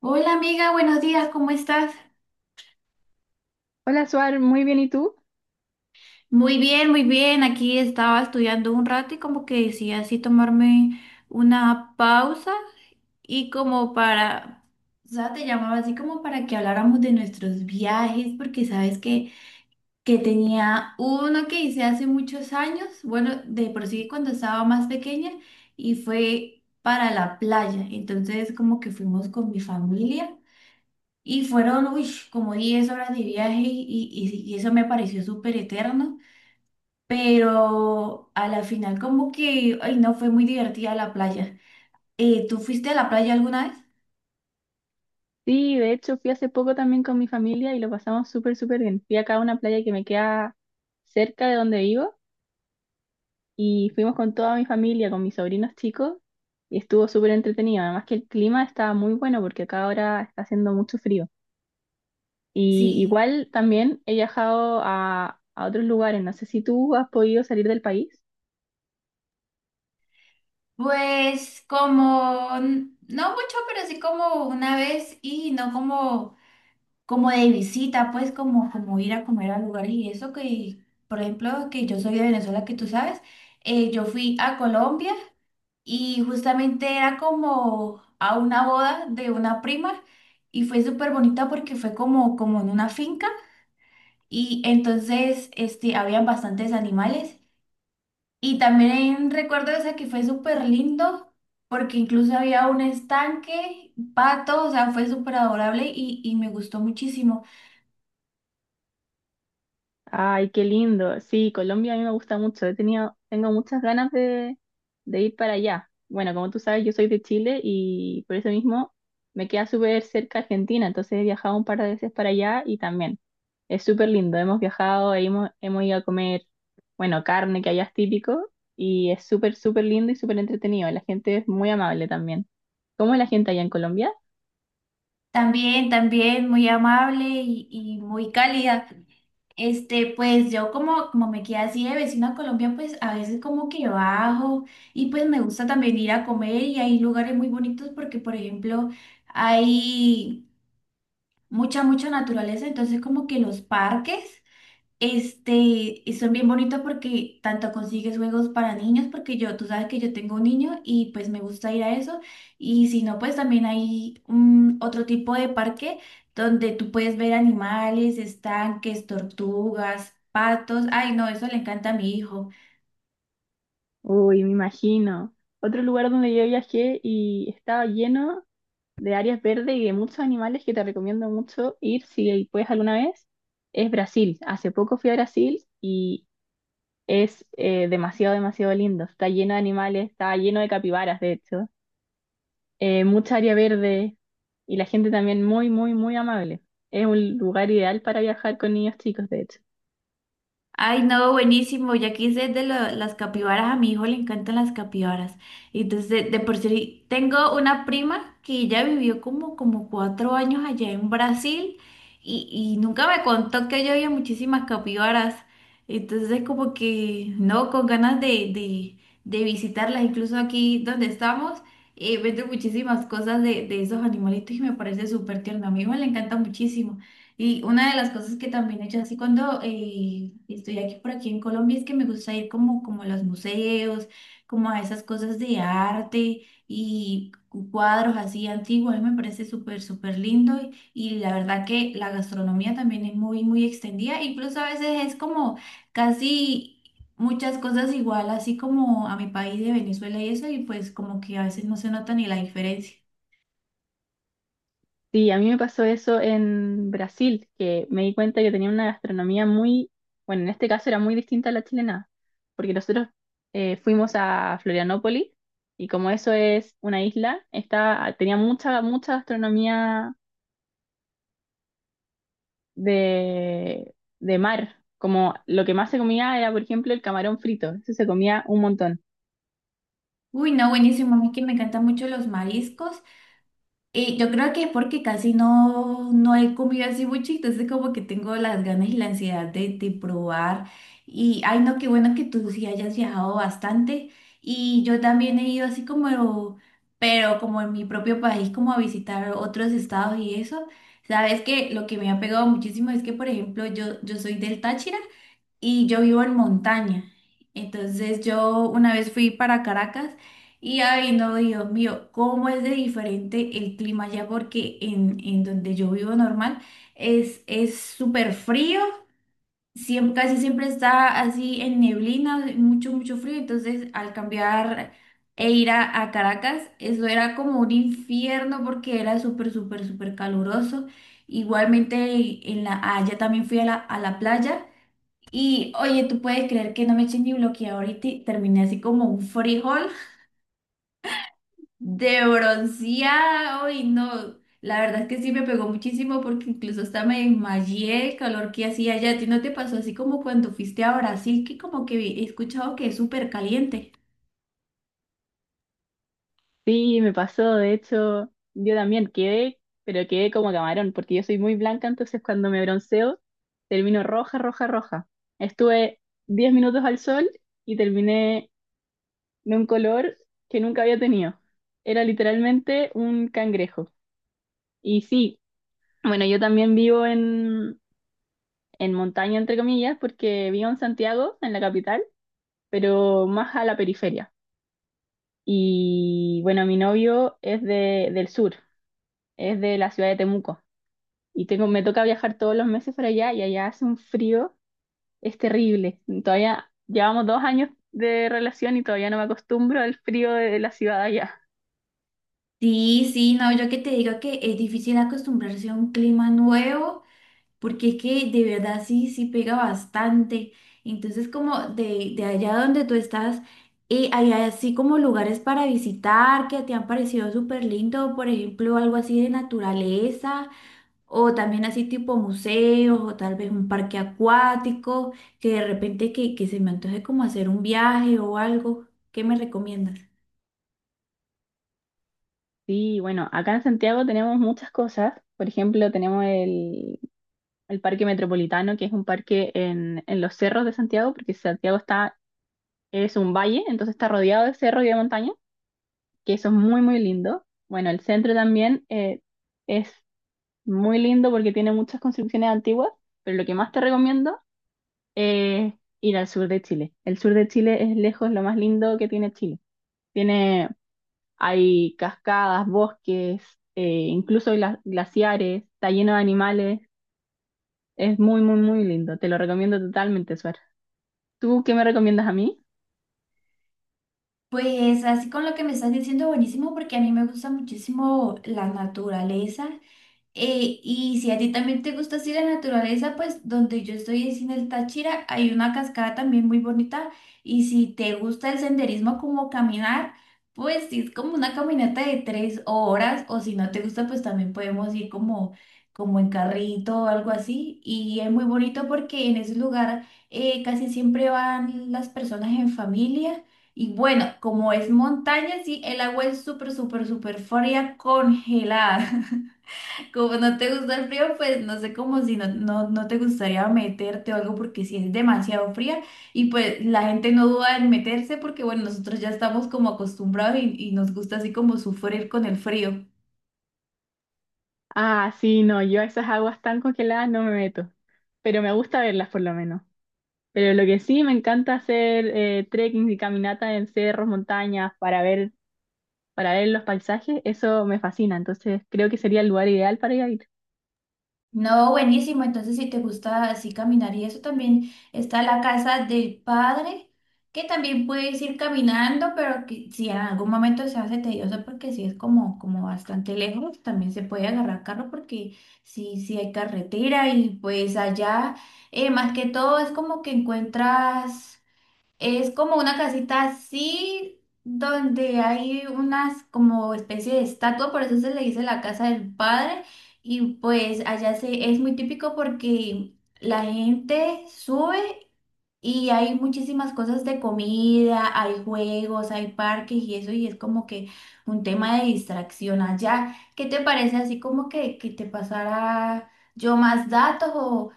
Hola amiga, buenos días, ¿cómo estás? Hola, Suar, muy bien, ¿y tú? Muy bien, muy bien. Aquí estaba estudiando un rato y como que decía así tomarme una pausa y como para, o sea, te llamaba así como para que habláramos de nuestros viajes, porque sabes que tenía uno que hice hace muchos años, bueno, de por sí cuando estaba más pequeña y fue para la playa. Entonces como que fuimos con mi familia. Y fueron, uy, como 10 horas de viaje y eso me pareció súper eterno, pero a la final como que, ay, no, fue muy divertida la playa. ¿Tú fuiste a la playa alguna vez? Sí, de hecho fui hace poco también con mi familia y lo pasamos súper, súper bien. Fui acá a una playa que me queda cerca de donde vivo y fuimos con toda mi familia, con mis sobrinos chicos y estuvo súper entretenido. Además que el clima está muy bueno porque acá ahora está haciendo mucho frío. Y Sí, igual también he viajado a otros lugares. No sé si tú has podido salir del país. pues como, no mucho, pero sí como una vez y no como como de visita, pues como, como ir a comer a lugares y eso que, por ejemplo, que yo soy de Venezuela, que tú sabes, yo fui a Colombia y justamente era como a una boda de una prima y fue súper bonita porque fue como, como en una finca y entonces este, habían bastantes animales y también recuerdo esa que fue súper lindo. Porque incluso había un estanque, pato, o sea, fue súper adorable y me gustó muchísimo. Ay, qué lindo. Sí, Colombia a mí me gusta mucho. He tenido, tengo muchas ganas de ir para allá. Bueno, como tú sabes, yo soy de Chile y por eso mismo me queda súper cerca Argentina. Entonces he viajado un par de veces para allá y también es súper lindo. Hemos viajado, hemos ido a comer, bueno, carne que allá es típico y es súper, súper lindo y súper entretenido. La gente es muy amable también. ¿Cómo es la gente allá en Colombia? También, también muy amable y muy cálida. Este, pues yo como, como me quedé así de vecino a Colombia, pues a veces como que bajo y pues me gusta también ir a comer y hay lugares muy bonitos porque, por ejemplo, hay mucha, mucha naturaleza, entonces como que los parques. Este, y son bien bonitos porque tanto consigues juegos para niños, porque yo, tú sabes que yo tengo un niño y pues me gusta ir a eso. Y si no, pues también hay un, otro tipo de parque donde tú puedes ver animales, estanques, tortugas, patos. Ay, no, eso le encanta a mi hijo. Uy, me imagino. Otro lugar donde yo viajé y estaba lleno de áreas verdes y de muchos animales que te recomiendo mucho ir si puedes alguna vez, es Brasil. Hace poco fui a Brasil y es demasiado, demasiado lindo. Está lleno de animales, está lleno de capibaras, de hecho. Mucha área verde y la gente también muy, muy, muy amable. Es un lugar ideal para viajar con niños chicos, de hecho. Ay, no, buenísimo. Ya quise las capibaras. A mi hijo le encantan las capibaras. Y entonces, de por sí, tengo una prima que ya vivió como, como 4 años allá en Brasil y nunca me contó que allá había muchísimas capibaras. Entonces, como que, no, con ganas de, de visitarlas. Incluso aquí donde estamos, venden muchísimas cosas de esos animalitos y me parece súper tierno. A mi hijo le encanta muchísimo. Y una de las cosas que también he hecho así cuando estoy aquí por aquí en Colombia es que me gusta ir como, como a los museos, como a esas cosas de arte y cuadros así antiguos, a mí me parece súper, súper lindo y la verdad que la gastronomía también es muy, muy extendida, incluso a veces es como casi muchas cosas igual, así como a mi país de Venezuela y eso, y pues como que a veces no se nota ni la diferencia. Sí, a mí me pasó eso en Brasil, que me di cuenta que tenía una gastronomía muy, bueno, en este caso era muy distinta a la chilena, porque nosotros fuimos a Florianópolis y como eso es una isla, está, tenía mucha, mucha gastronomía de, de mar, como lo que más se comía era, por ejemplo, el camarón frito, eso se comía un montón. Uy, no, buenísimo, a mí que me encantan mucho los mariscos. Y yo creo que es porque casi no, no he comido así mucho, entonces como que tengo las ganas y la ansiedad de probar. Y ay no, qué bueno que tú sí hayas viajado bastante. Y yo también he ido así como, pero como en mi propio país, como a visitar otros estados y eso. Sabes que lo que me ha pegado muchísimo es que, por ejemplo, yo soy del Táchira y yo vivo en montaña. Entonces yo una vez fui para Caracas y ay no, Dios mío, cómo es de diferente el clima allá porque en donde yo vivo normal es súper frío, siempre, casi siempre está así en neblina, mucho, mucho frío. Entonces al cambiar e ir a Caracas, eso era como un infierno porque era súper, súper, súper caluroso. Igualmente en la, allá también fui a a la playa. Y oye, tú puedes creer que no me eché ni bloqueador y terminé así como un frijol de bronceado y no, la verdad es que sí me pegó muchísimo porque incluso hasta me desmayé el calor que hacía allá. ¿A ti no te pasó así como cuando fuiste a Brasil que como que he escuchado que es súper caliente? Sí, me pasó, de hecho, yo también quedé, pero quedé como camarón, porque yo soy muy blanca, entonces cuando me bronceo, termino roja, roja, roja. Estuve 10 minutos al sol y terminé de un color que nunca había tenido. Era literalmente un cangrejo. Y sí, bueno, yo también vivo en montaña, entre comillas, porque vivo en Santiago, en la capital, pero más a la periferia. Y bueno, mi novio es del sur, es de la ciudad de Temuco. Y tengo, me toca viajar todos los meses para allá y allá hace un frío, es terrible. Todavía llevamos 2 años de relación y todavía no me acostumbro al frío de la ciudad allá. Sí, sí, no, yo que te digo que es difícil acostumbrarse a un clima nuevo, porque es que de verdad sí, sí pega bastante. Entonces, como de allá donde tú estás, hay así como lugares para visitar que te han parecido súper lindo, por ejemplo, algo así de naturaleza, o también así tipo museos, o tal vez un parque acuático, que de repente que se me antoje como hacer un viaje o algo. ¿Qué me recomiendas? Sí, bueno, acá en Santiago tenemos muchas cosas. Por ejemplo, tenemos el Parque Metropolitano, que es un parque en los cerros de Santiago, porque Santiago está, es un valle, entonces está rodeado de cerros y de montañas, que eso es muy, muy lindo. Bueno, el centro también es muy lindo porque tiene muchas construcciones antiguas, pero lo que más te recomiendo ir al sur de Chile. El sur de Chile es lejos lo más lindo que tiene Chile. Tiene, hay cascadas, bosques, eh, incluso glaciares, está lleno de animales. Es muy, muy, muy lindo. Te lo recomiendo totalmente, Suar. ¿Tú qué me recomiendas a mí? Pues así con lo que me estás diciendo, buenísimo, porque a mí me gusta muchísimo la naturaleza. Y si a ti también te gusta así la naturaleza, pues donde yo estoy es en el Táchira, hay una cascada también muy bonita. Y si te gusta el senderismo como caminar, pues sí, es como una caminata de 3 horas. O si no te gusta, pues también podemos ir como, como en carrito o algo así. Y es muy bonito porque en ese lugar casi siempre van las personas en familia. Y bueno, como es montaña, sí, el agua es súper, súper, súper fría, congelada. Como no te gusta el frío, pues no sé cómo si no, no, no te gustaría meterte o algo porque si es demasiado fría y pues la gente no duda en meterse porque bueno, nosotros ya estamos como acostumbrados y nos gusta así como sufrir con el frío. Ah, sí, no, yo a esas aguas tan congeladas no me meto, pero me gusta verlas por lo menos. Pero lo que sí me encanta hacer trekking y caminata en cerros, montañas, para ver los paisajes, eso me fascina. Entonces creo que sería el lugar ideal para ir a vivir. No, buenísimo. Entonces, si te gusta así caminar y eso, también está la casa del padre, que también puedes ir caminando, pero que si en algún momento se hace tedioso, porque si es como, como bastante lejos, también se puede agarrar carro porque sí, sí hay carretera y pues allá, más que todo, es como que encuentras... Es como una casita así donde hay unas como especie de estatua, por eso se le dice la casa del padre. Y pues allá se, es muy típico porque la gente sube y hay muchísimas cosas de comida, hay juegos, hay parques y eso, y es como que un tema de distracción allá. ¿Qué te parece así como que te pasara yo más datos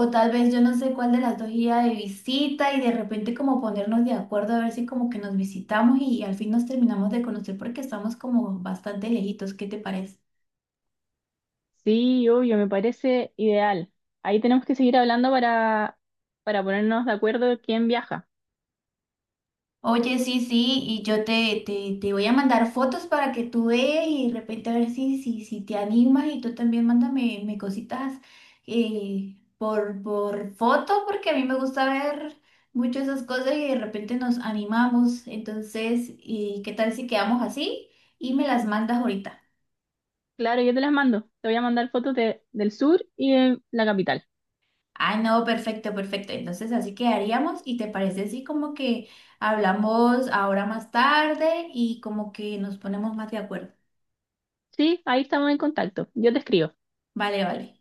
o tal vez yo no sé cuál de las dos iba de visita y de repente como ponernos de acuerdo a ver si como que nos visitamos y al fin nos terminamos de conocer porque estamos como bastante lejitos? ¿Qué te parece? Sí, obvio, me parece ideal. Ahí tenemos que seguir hablando para ponernos de acuerdo quién viaja. Oye, sí, sí, y yo te voy a mandar fotos para que tú veas y de repente a ver si, si, si te animas y tú también mándame me cositas por foto porque a mí me gusta ver mucho esas cosas y de repente nos animamos. Entonces, ¿y qué tal si quedamos así y me las mandas ahorita? Claro, yo te las mando. Te voy a mandar fotos del sur y de la capital. Ah, no, perfecto, perfecto. Entonces así quedaríamos y te parece así como que hablamos ahora más tarde y como que nos ponemos más de acuerdo. Sí, ahí estamos en contacto. Yo te escribo. Vale, vale.